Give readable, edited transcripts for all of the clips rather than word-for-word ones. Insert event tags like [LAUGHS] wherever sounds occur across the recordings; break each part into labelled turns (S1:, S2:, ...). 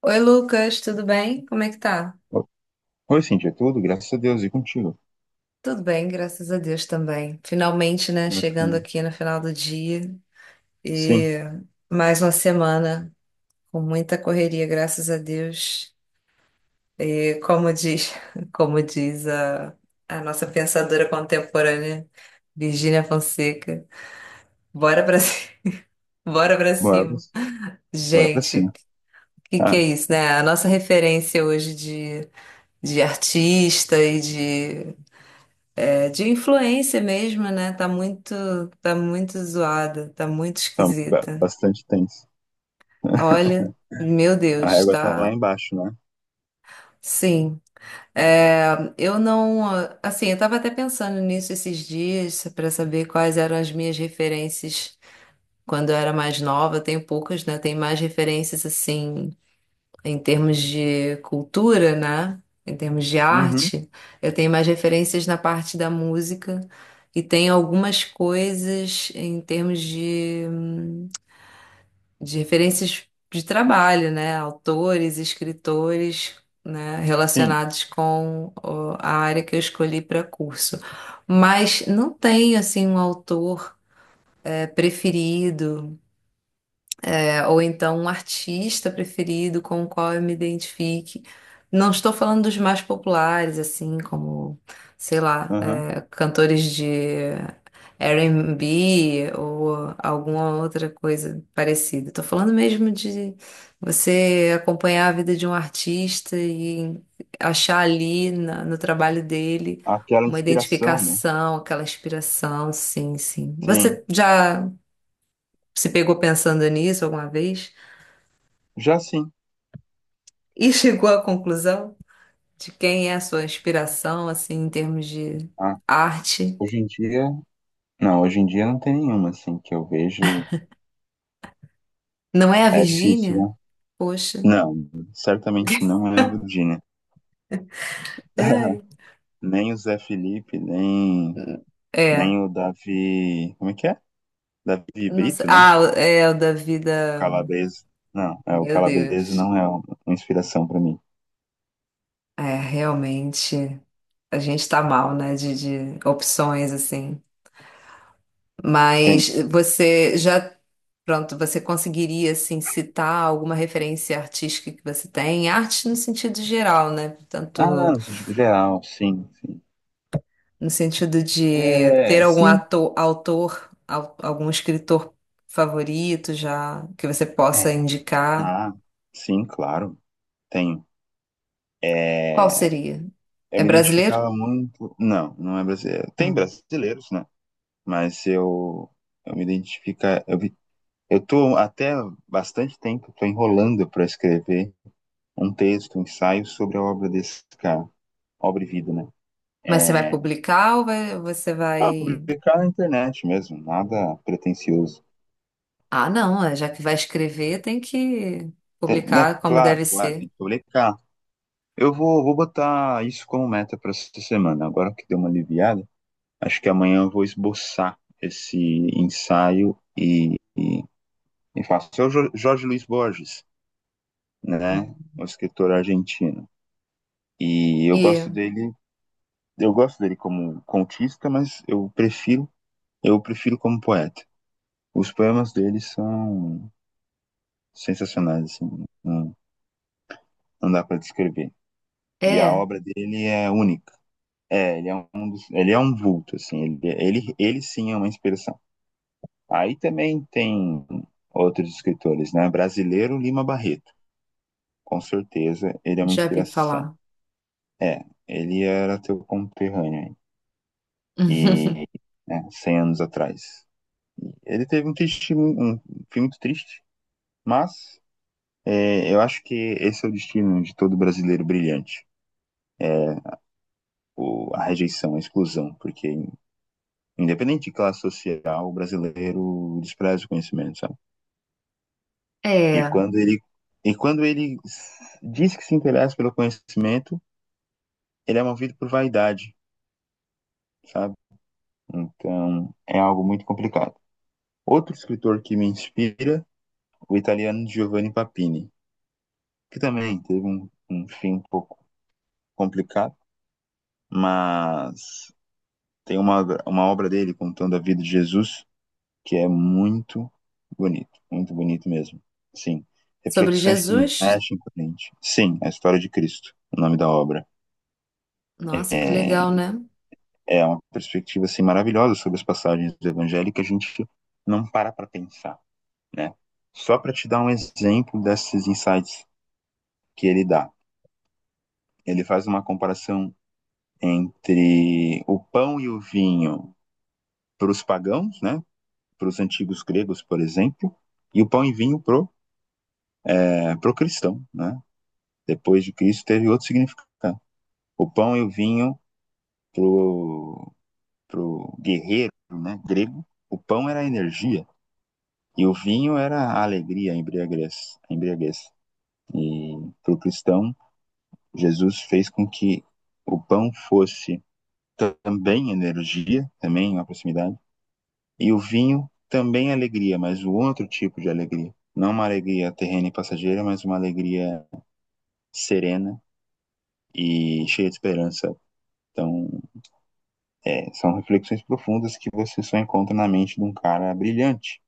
S1: Oi, Lucas, tudo bem? Como é que tá?
S2: Oi, Cintia, tudo? Graças a Deus, e contigo?
S1: Tudo bem, graças a Deus também. Finalmente, né, chegando
S2: Bacana.
S1: aqui no final do dia
S2: Sim,
S1: e mais uma semana com muita correria, graças a Deus. E [LAUGHS] como diz a nossa pensadora contemporânea, Virgínia Fonseca, bora pra, ci- [LAUGHS] bora pra
S2: bora, pra-
S1: cima.
S2: bora pra
S1: Gente,
S2: cima.
S1: o que que é
S2: Ah,
S1: isso, né? A nossa referência hoje de artista e de. É de influência mesmo, né? Tá muito zoada, tá muito
S2: então,
S1: esquisita.
S2: bastante tenso.
S1: Olha,
S2: [LAUGHS]
S1: meu
S2: A
S1: Deus,
S2: régua tá lá
S1: tá.
S2: embaixo, né?
S1: Sim. É, eu não, assim, eu tava até pensando nisso esses dias para saber quais eram as minhas referências quando eu era mais nova. Eu tenho poucas, né? Eu tenho mais referências assim em termos de cultura, né? Em termos de
S2: Uhum,
S1: arte, eu tenho mais referências na parte da música e tenho algumas coisas em termos de referências de trabalho, né? Autores, escritores, né?
S2: sim.
S1: Relacionados com ó, a área que eu escolhi para curso. Mas não tenho, assim, um autor preferido. Ou então um artista preferido com o qual eu me identifique. Não estou falando dos mais populares, assim, como, sei lá,
S2: Uhum.
S1: cantores de R&B ou alguma outra coisa parecida. Estou falando mesmo de você acompanhar a vida de um artista e achar ali no trabalho dele
S2: Aquela
S1: uma
S2: inspiração, né?
S1: identificação, aquela inspiração, sim, sim.
S2: Sim.
S1: Você já se pegou pensando nisso alguma vez?
S2: Já sim.
S1: E chegou à conclusão de quem é a sua inspiração, assim, em termos de
S2: Ah,
S1: arte.
S2: hoje em dia. Não, hoje em dia não tem nenhuma, assim, que eu vejo.
S1: Não é a
S2: É difícil,
S1: Virgínia?
S2: né?
S1: Poxa.
S2: Não, certamente não é a Virgínia.
S1: Ai.
S2: [LAUGHS] Nem o Zé Felipe,
S1: É.
S2: nem o Davi. Como é que é? Davi
S1: Não sei.
S2: Brito, né?
S1: Ah, é o da vida.
S2: Calabrese. Não, é, o
S1: Meu
S2: Calabrese
S1: Deus.
S2: não é uma inspiração para mim.
S1: É, realmente, a gente tá mal, né, de opções, assim. Mas
S2: Gente.
S1: você já, pronto, você conseguiria, assim, citar alguma referência artística que você tem? Arte no sentido geral, né?
S2: Ah,
S1: Tanto
S2: não, no sentido geral, sim, sim.
S1: no sentido de ter
S2: É,
S1: algum
S2: sim.
S1: ator, autor, algum escritor favorito já que você possa
S2: É.
S1: indicar?
S2: Ah, sim, claro. Tenho.
S1: Qual
S2: É,
S1: seria?
S2: eu
S1: É
S2: me
S1: brasileiro?
S2: identificava muito. Não, não é brasileiro. Tem
S1: Hum.
S2: brasileiros, né? Mas eu, eu me identifica. Eu tô até bastante tempo, tô enrolando para escrever um texto, um ensaio sobre a obra desse cara, obra e vida, né?
S1: Mas você vai
S2: É,
S1: publicar ou você
S2: Ah,
S1: vai.
S2: publicar na internet mesmo, nada pretensioso.
S1: Ah, não, já que vai escrever, tem que
S2: Né?
S1: publicar como
S2: Claro,
S1: deve
S2: claro, tem
S1: ser.
S2: que publicar. Vou botar isso como meta para essa semana. Agora que deu uma aliviada, acho que amanhã eu vou esboçar esse ensaio e faço. É o Jorge Luis Borges, né?
S1: Hum.
S2: O escritor argentino. E
S1: E
S2: eu gosto dele como contista, eu prefiro como poeta. Os poemas dele são sensacionais, assim. Um não dá para descrever. E a
S1: é,
S2: obra dele é única. É, ele é um vulto, assim, ele sim é uma inspiração. Aí também tem outros escritores, né? Brasileiro Lima Barreto, com certeza ele é uma
S1: já vi
S2: inspiração.
S1: falar.
S2: É, ele era teu conterrâneo
S1: [LAUGHS]
S2: e né, 100 anos atrás. Ele teve um, triste, um um fim muito triste, mas é, eu acho que esse é o destino de todo brasileiro brilhante, o, a rejeição, a exclusão, porque independente de classe social, o brasileiro despreza o conhecimento, sabe? E
S1: É,
S2: quando ele, e quando ele diz que se interessa pelo conhecimento, ele é movido por vaidade, sabe? Então, é algo muito complicado. Outro escritor que me inspira, o italiano Giovanni Papini, que também teve um fim um pouco complicado, mas tem uma obra dele contando a vida de Jesus que é muito bonito mesmo. Sim,
S1: sobre
S2: reflexões que
S1: Jesus.
S2: mexem com a gente. Sim, a história de Cristo, o nome da obra.
S1: Nossa, que
S2: É,
S1: legal, né?
S2: é uma perspectiva assim, maravilhosa sobre as passagens do Evangelho que a gente não para para pensar, né? Só para te dar um exemplo desses insights que ele dá. Ele faz uma comparação entre o pão e o vinho para os pagãos, né? Para os antigos gregos, por exemplo, e o pão e vinho pro é, pro cristão, né? Depois de Cristo teve outro significado. O pão e o vinho pro pro guerreiro, né, grego, o pão era a energia e o vinho era a alegria, a embriaguez. E pro cristão, Jesus fez com que o pão fosse também energia, também uma proximidade, e o vinho também alegria, mas um outro tipo de alegria. Não uma alegria terrena e passageira, mas uma alegria serena e cheia de esperança. Então, é, são reflexões profundas que você só encontra na mente de um cara brilhante,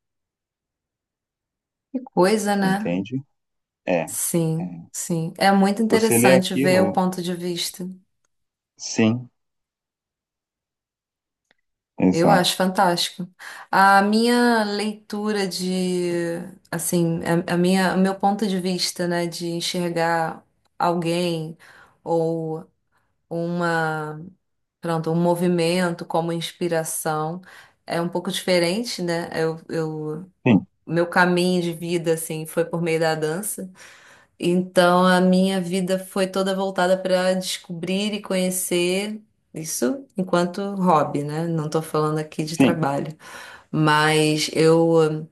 S1: Que coisa, né?
S2: entende? É, é.
S1: Sim, sim. É muito
S2: Você lê
S1: interessante ver o
S2: aquilo,
S1: ponto de vista.
S2: sim,
S1: Eu acho
S2: exato.
S1: fantástico. A minha leitura de, assim, a minha, o meu ponto de vista, né, de enxergar alguém ou uma, pronto, um movimento como inspiração é um pouco diferente, né? O
S2: Sim,
S1: meu caminho de vida, assim, foi por meio da dança. Então a minha vida foi toda voltada para descobrir e conhecer isso enquanto hobby, né? Não tô falando aqui de
S2: sim,
S1: trabalho, mas eu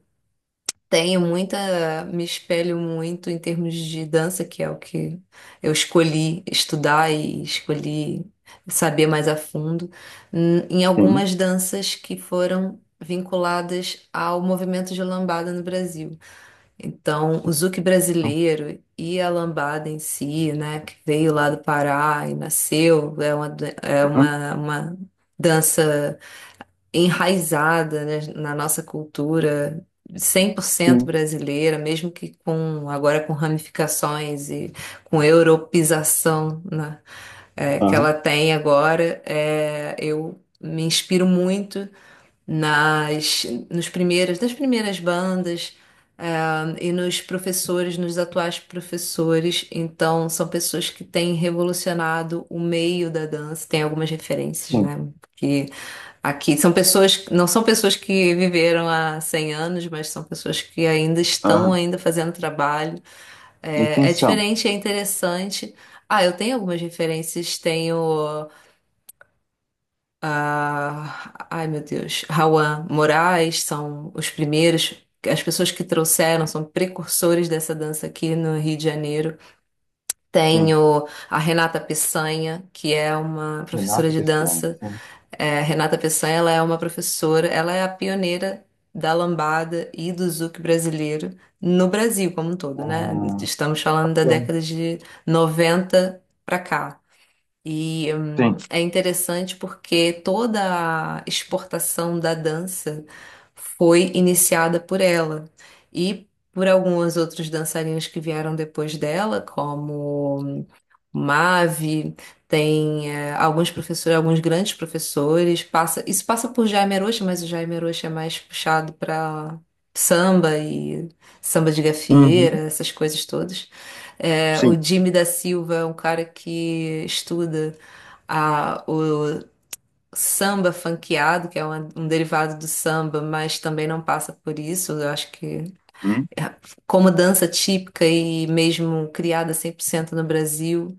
S1: tenho muita, me espelho muito em termos de dança, que é o que eu escolhi estudar e escolhi saber mais a fundo, em
S2: sim,
S1: algumas danças que foram vinculadas ao movimento de lambada no Brasil. Então, o Zouk brasileiro e a lambada em si, né, que veio lá do Pará e nasceu, é uma, dan- é
S2: aham,
S1: uma, uma dança enraizada, né, na nossa cultura, 100%
S2: sim,
S1: brasileira, mesmo que com agora com ramificações e com europeização, né, que
S2: aham,
S1: ela tem agora, eu me inspiro muito nas nos primeiras das primeiras bandas e nos professores, nos atuais professores. Então, são pessoas que têm revolucionado o meio da dança. Tem algumas referências,
S2: sim,
S1: né? Que aqui são pessoas, não são pessoas que viveram há 100 anos, mas são pessoas que ainda estão
S2: aham.
S1: ainda fazendo trabalho.
S2: E quem
S1: É
S2: são?
S1: diferente, é interessante. Ah, eu tenho algumas referências, tenho a, ai meu Deus, Rawan Moraes são os primeiros, as pessoas que trouxeram, são precursores dessa dança aqui no Rio de Janeiro.
S2: Sim,
S1: Tenho a Renata Peçanha, que é uma professora
S2: Renata
S1: de
S2: Pessoa,
S1: dança.
S2: sim,
S1: É, Renata Peçanha, ela é uma professora, ela é a pioneira da lambada e do zouk brasileiro no Brasil como um todo, né?
S2: ah,
S1: Estamos falando da
S2: é,
S1: década de 90 para cá. E
S2: sim,
S1: é interessante porque toda a exportação da dança foi iniciada por ela e por algumas outras dançarinas que vieram depois dela, como Mave, tem alguns professores, alguns grandes professores, isso passa por Jaime Arocha, mas o Jaime Arocha é mais puxado para samba e samba de gafieira,
S2: uhum,
S1: essas coisas todas. O
S2: sim,
S1: Jimmy da Silva é um cara que estuda o samba funkeado, que é um derivado do samba, mas também não passa por isso. Eu acho que,
S2: hum,
S1: é, como dança típica e mesmo criada 100% no Brasil.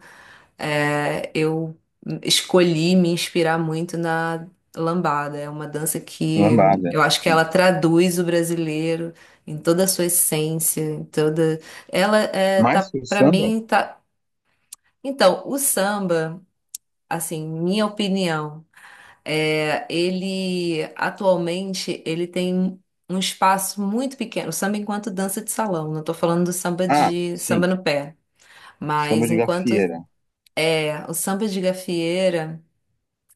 S1: É, eu escolhi me inspirar muito na lambada. É uma dança que
S2: lambada,
S1: eu acho que
S2: sim.
S1: ela traduz o brasileiro em toda a sua essência, em toda. Ela é,
S2: Mas
S1: tá
S2: o
S1: para
S2: samba?
S1: mim tá. Então, o samba, assim, minha opinião, ele atualmente ele tem um espaço muito pequeno. O samba enquanto dança de salão. Não estou falando do samba
S2: Ah,
S1: de samba
S2: sim,
S1: no pé,
S2: samba
S1: mas
S2: de
S1: enquanto
S2: gafieira.
S1: o samba de gafieira.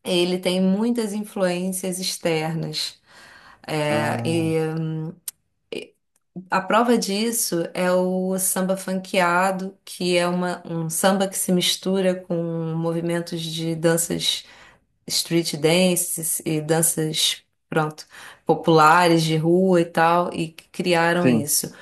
S1: Ele tem muitas influências externas. É,
S2: Ah,
S1: e a prova disso é o samba funkeado, que é um samba que se mistura com movimentos de danças street dances e danças, pronto, populares de rua e tal, e que criaram
S2: sim,
S1: isso.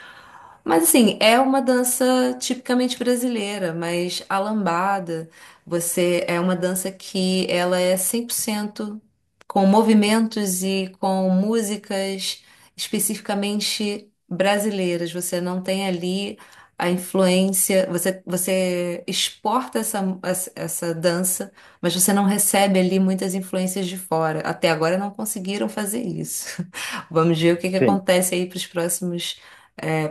S1: Mas assim, é uma dança tipicamente brasileira, mas a lambada, você é uma dança que ela é 100% com movimentos e com músicas especificamente brasileiras. Você não tem ali a influência, você exporta essa, essa dança, mas você não recebe ali muitas influências de fora. Até agora não conseguiram fazer isso. [LAUGHS] Vamos ver o que que
S2: sim.
S1: acontece aí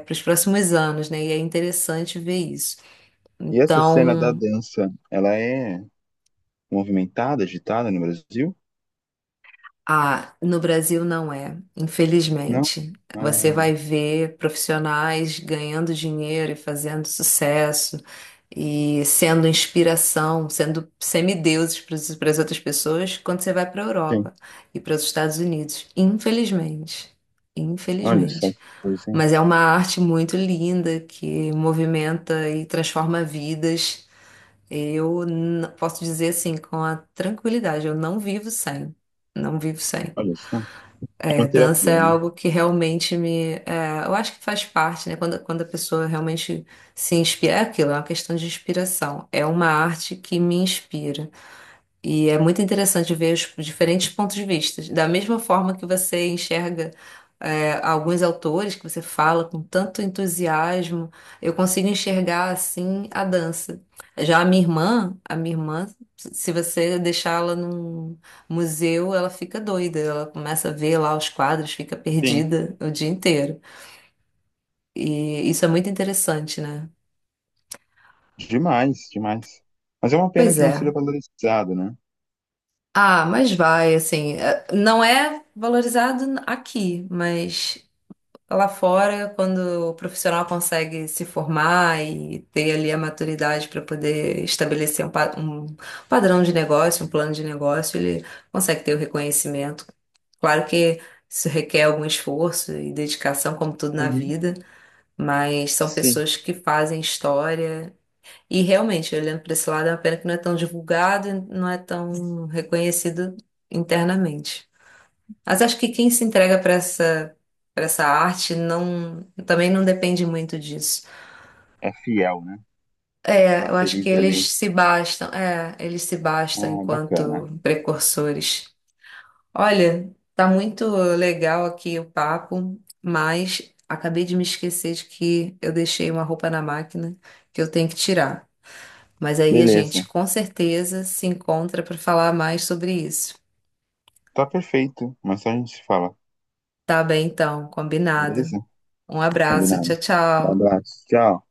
S1: para os próximos anos, né? E é interessante ver isso.
S2: E essa cena da
S1: Então,
S2: dança, ela é movimentada, agitada no Brasil?
S1: no Brasil não é,
S2: Não?
S1: infelizmente. Você
S2: Ah,
S1: vai ver profissionais ganhando dinheiro e fazendo sucesso e sendo inspiração, sendo semideuses para as outras pessoas quando você vai para a
S2: sim.
S1: Europa e para os Estados Unidos, infelizmente.
S2: Olha só
S1: Infelizmente.
S2: que coisa, hein?
S1: Mas é uma arte muito linda que movimenta e transforma vidas. Eu posso dizer assim, com a tranquilidade, eu não vivo sem. Não vivo sem.
S2: Olha só. É uma
S1: É, dança é
S2: terapia, né?
S1: algo que realmente me. Eu acho que faz parte, né? Quando a pessoa realmente se inspira, é aquilo, é uma questão de inspiração. É uma arte que me inspira. E é muito interessante ver os diferentes pontos de vista. Da mesma forma que você enxerga alguns autores que você fala com tanto entusiasmo, eu consigo enxergar assim a dança. Já a minha irmã, se você deixá-la num museu, ela fica doida, ela começa a ver lá os quadros, fica
S2: Sim.
S1: perdida o dia inteiro. E isso é muito interessante, né?
S2: Demais, demais. Mas é uma pena
S1: Pois
S2: que não seja
S1: é.
S2: valorizado, né?
S1: Ah, mas vai, assim, não é valorizado aqui, mas lá fora, quando o profissional consegue se formar e ter ali a maturidade para poder estabelecer um padrão de negócio, um plano de negócio, ele consegue ter o reconhecimento. Claro que isso requer algum esforço e dedicação, como tudo na
S2: Uhum.
S1: vida, mas são
S2: Sim.
S1: pessoas que fazem história. E realmente, olhando para esse lado, é uma pena que não é tão divulgado e não é tão reconhecido internamente. Mas acho que quem se entrega para essa arte não, também não depende muito disso.
S2: É fiel, né?
S1: É,
S2: Tá
S1: eu acho que
S2: feliz ali.
S1: eles se bastam
S2: Ah, bacana.
S1: enquanto precursores. Olha, tá muito legal aqui o papo, mas acabei de me esquecer de que eu deixei uma roupa na máquina que eu tenho que tirar. Mas aí a gente
S2: Beleza.
S1: com certeza se encontra para falar mais sobre isso.
S2: Tá perfeito. Mas só a gente se fala.
S1: Tá bem, então, combinado.
S2: Beleza?
S1: Um abraço,
S2: Combinado.
S1: tchau,
S2: Um
S1: tchau.
S2: Abraço. Tchau.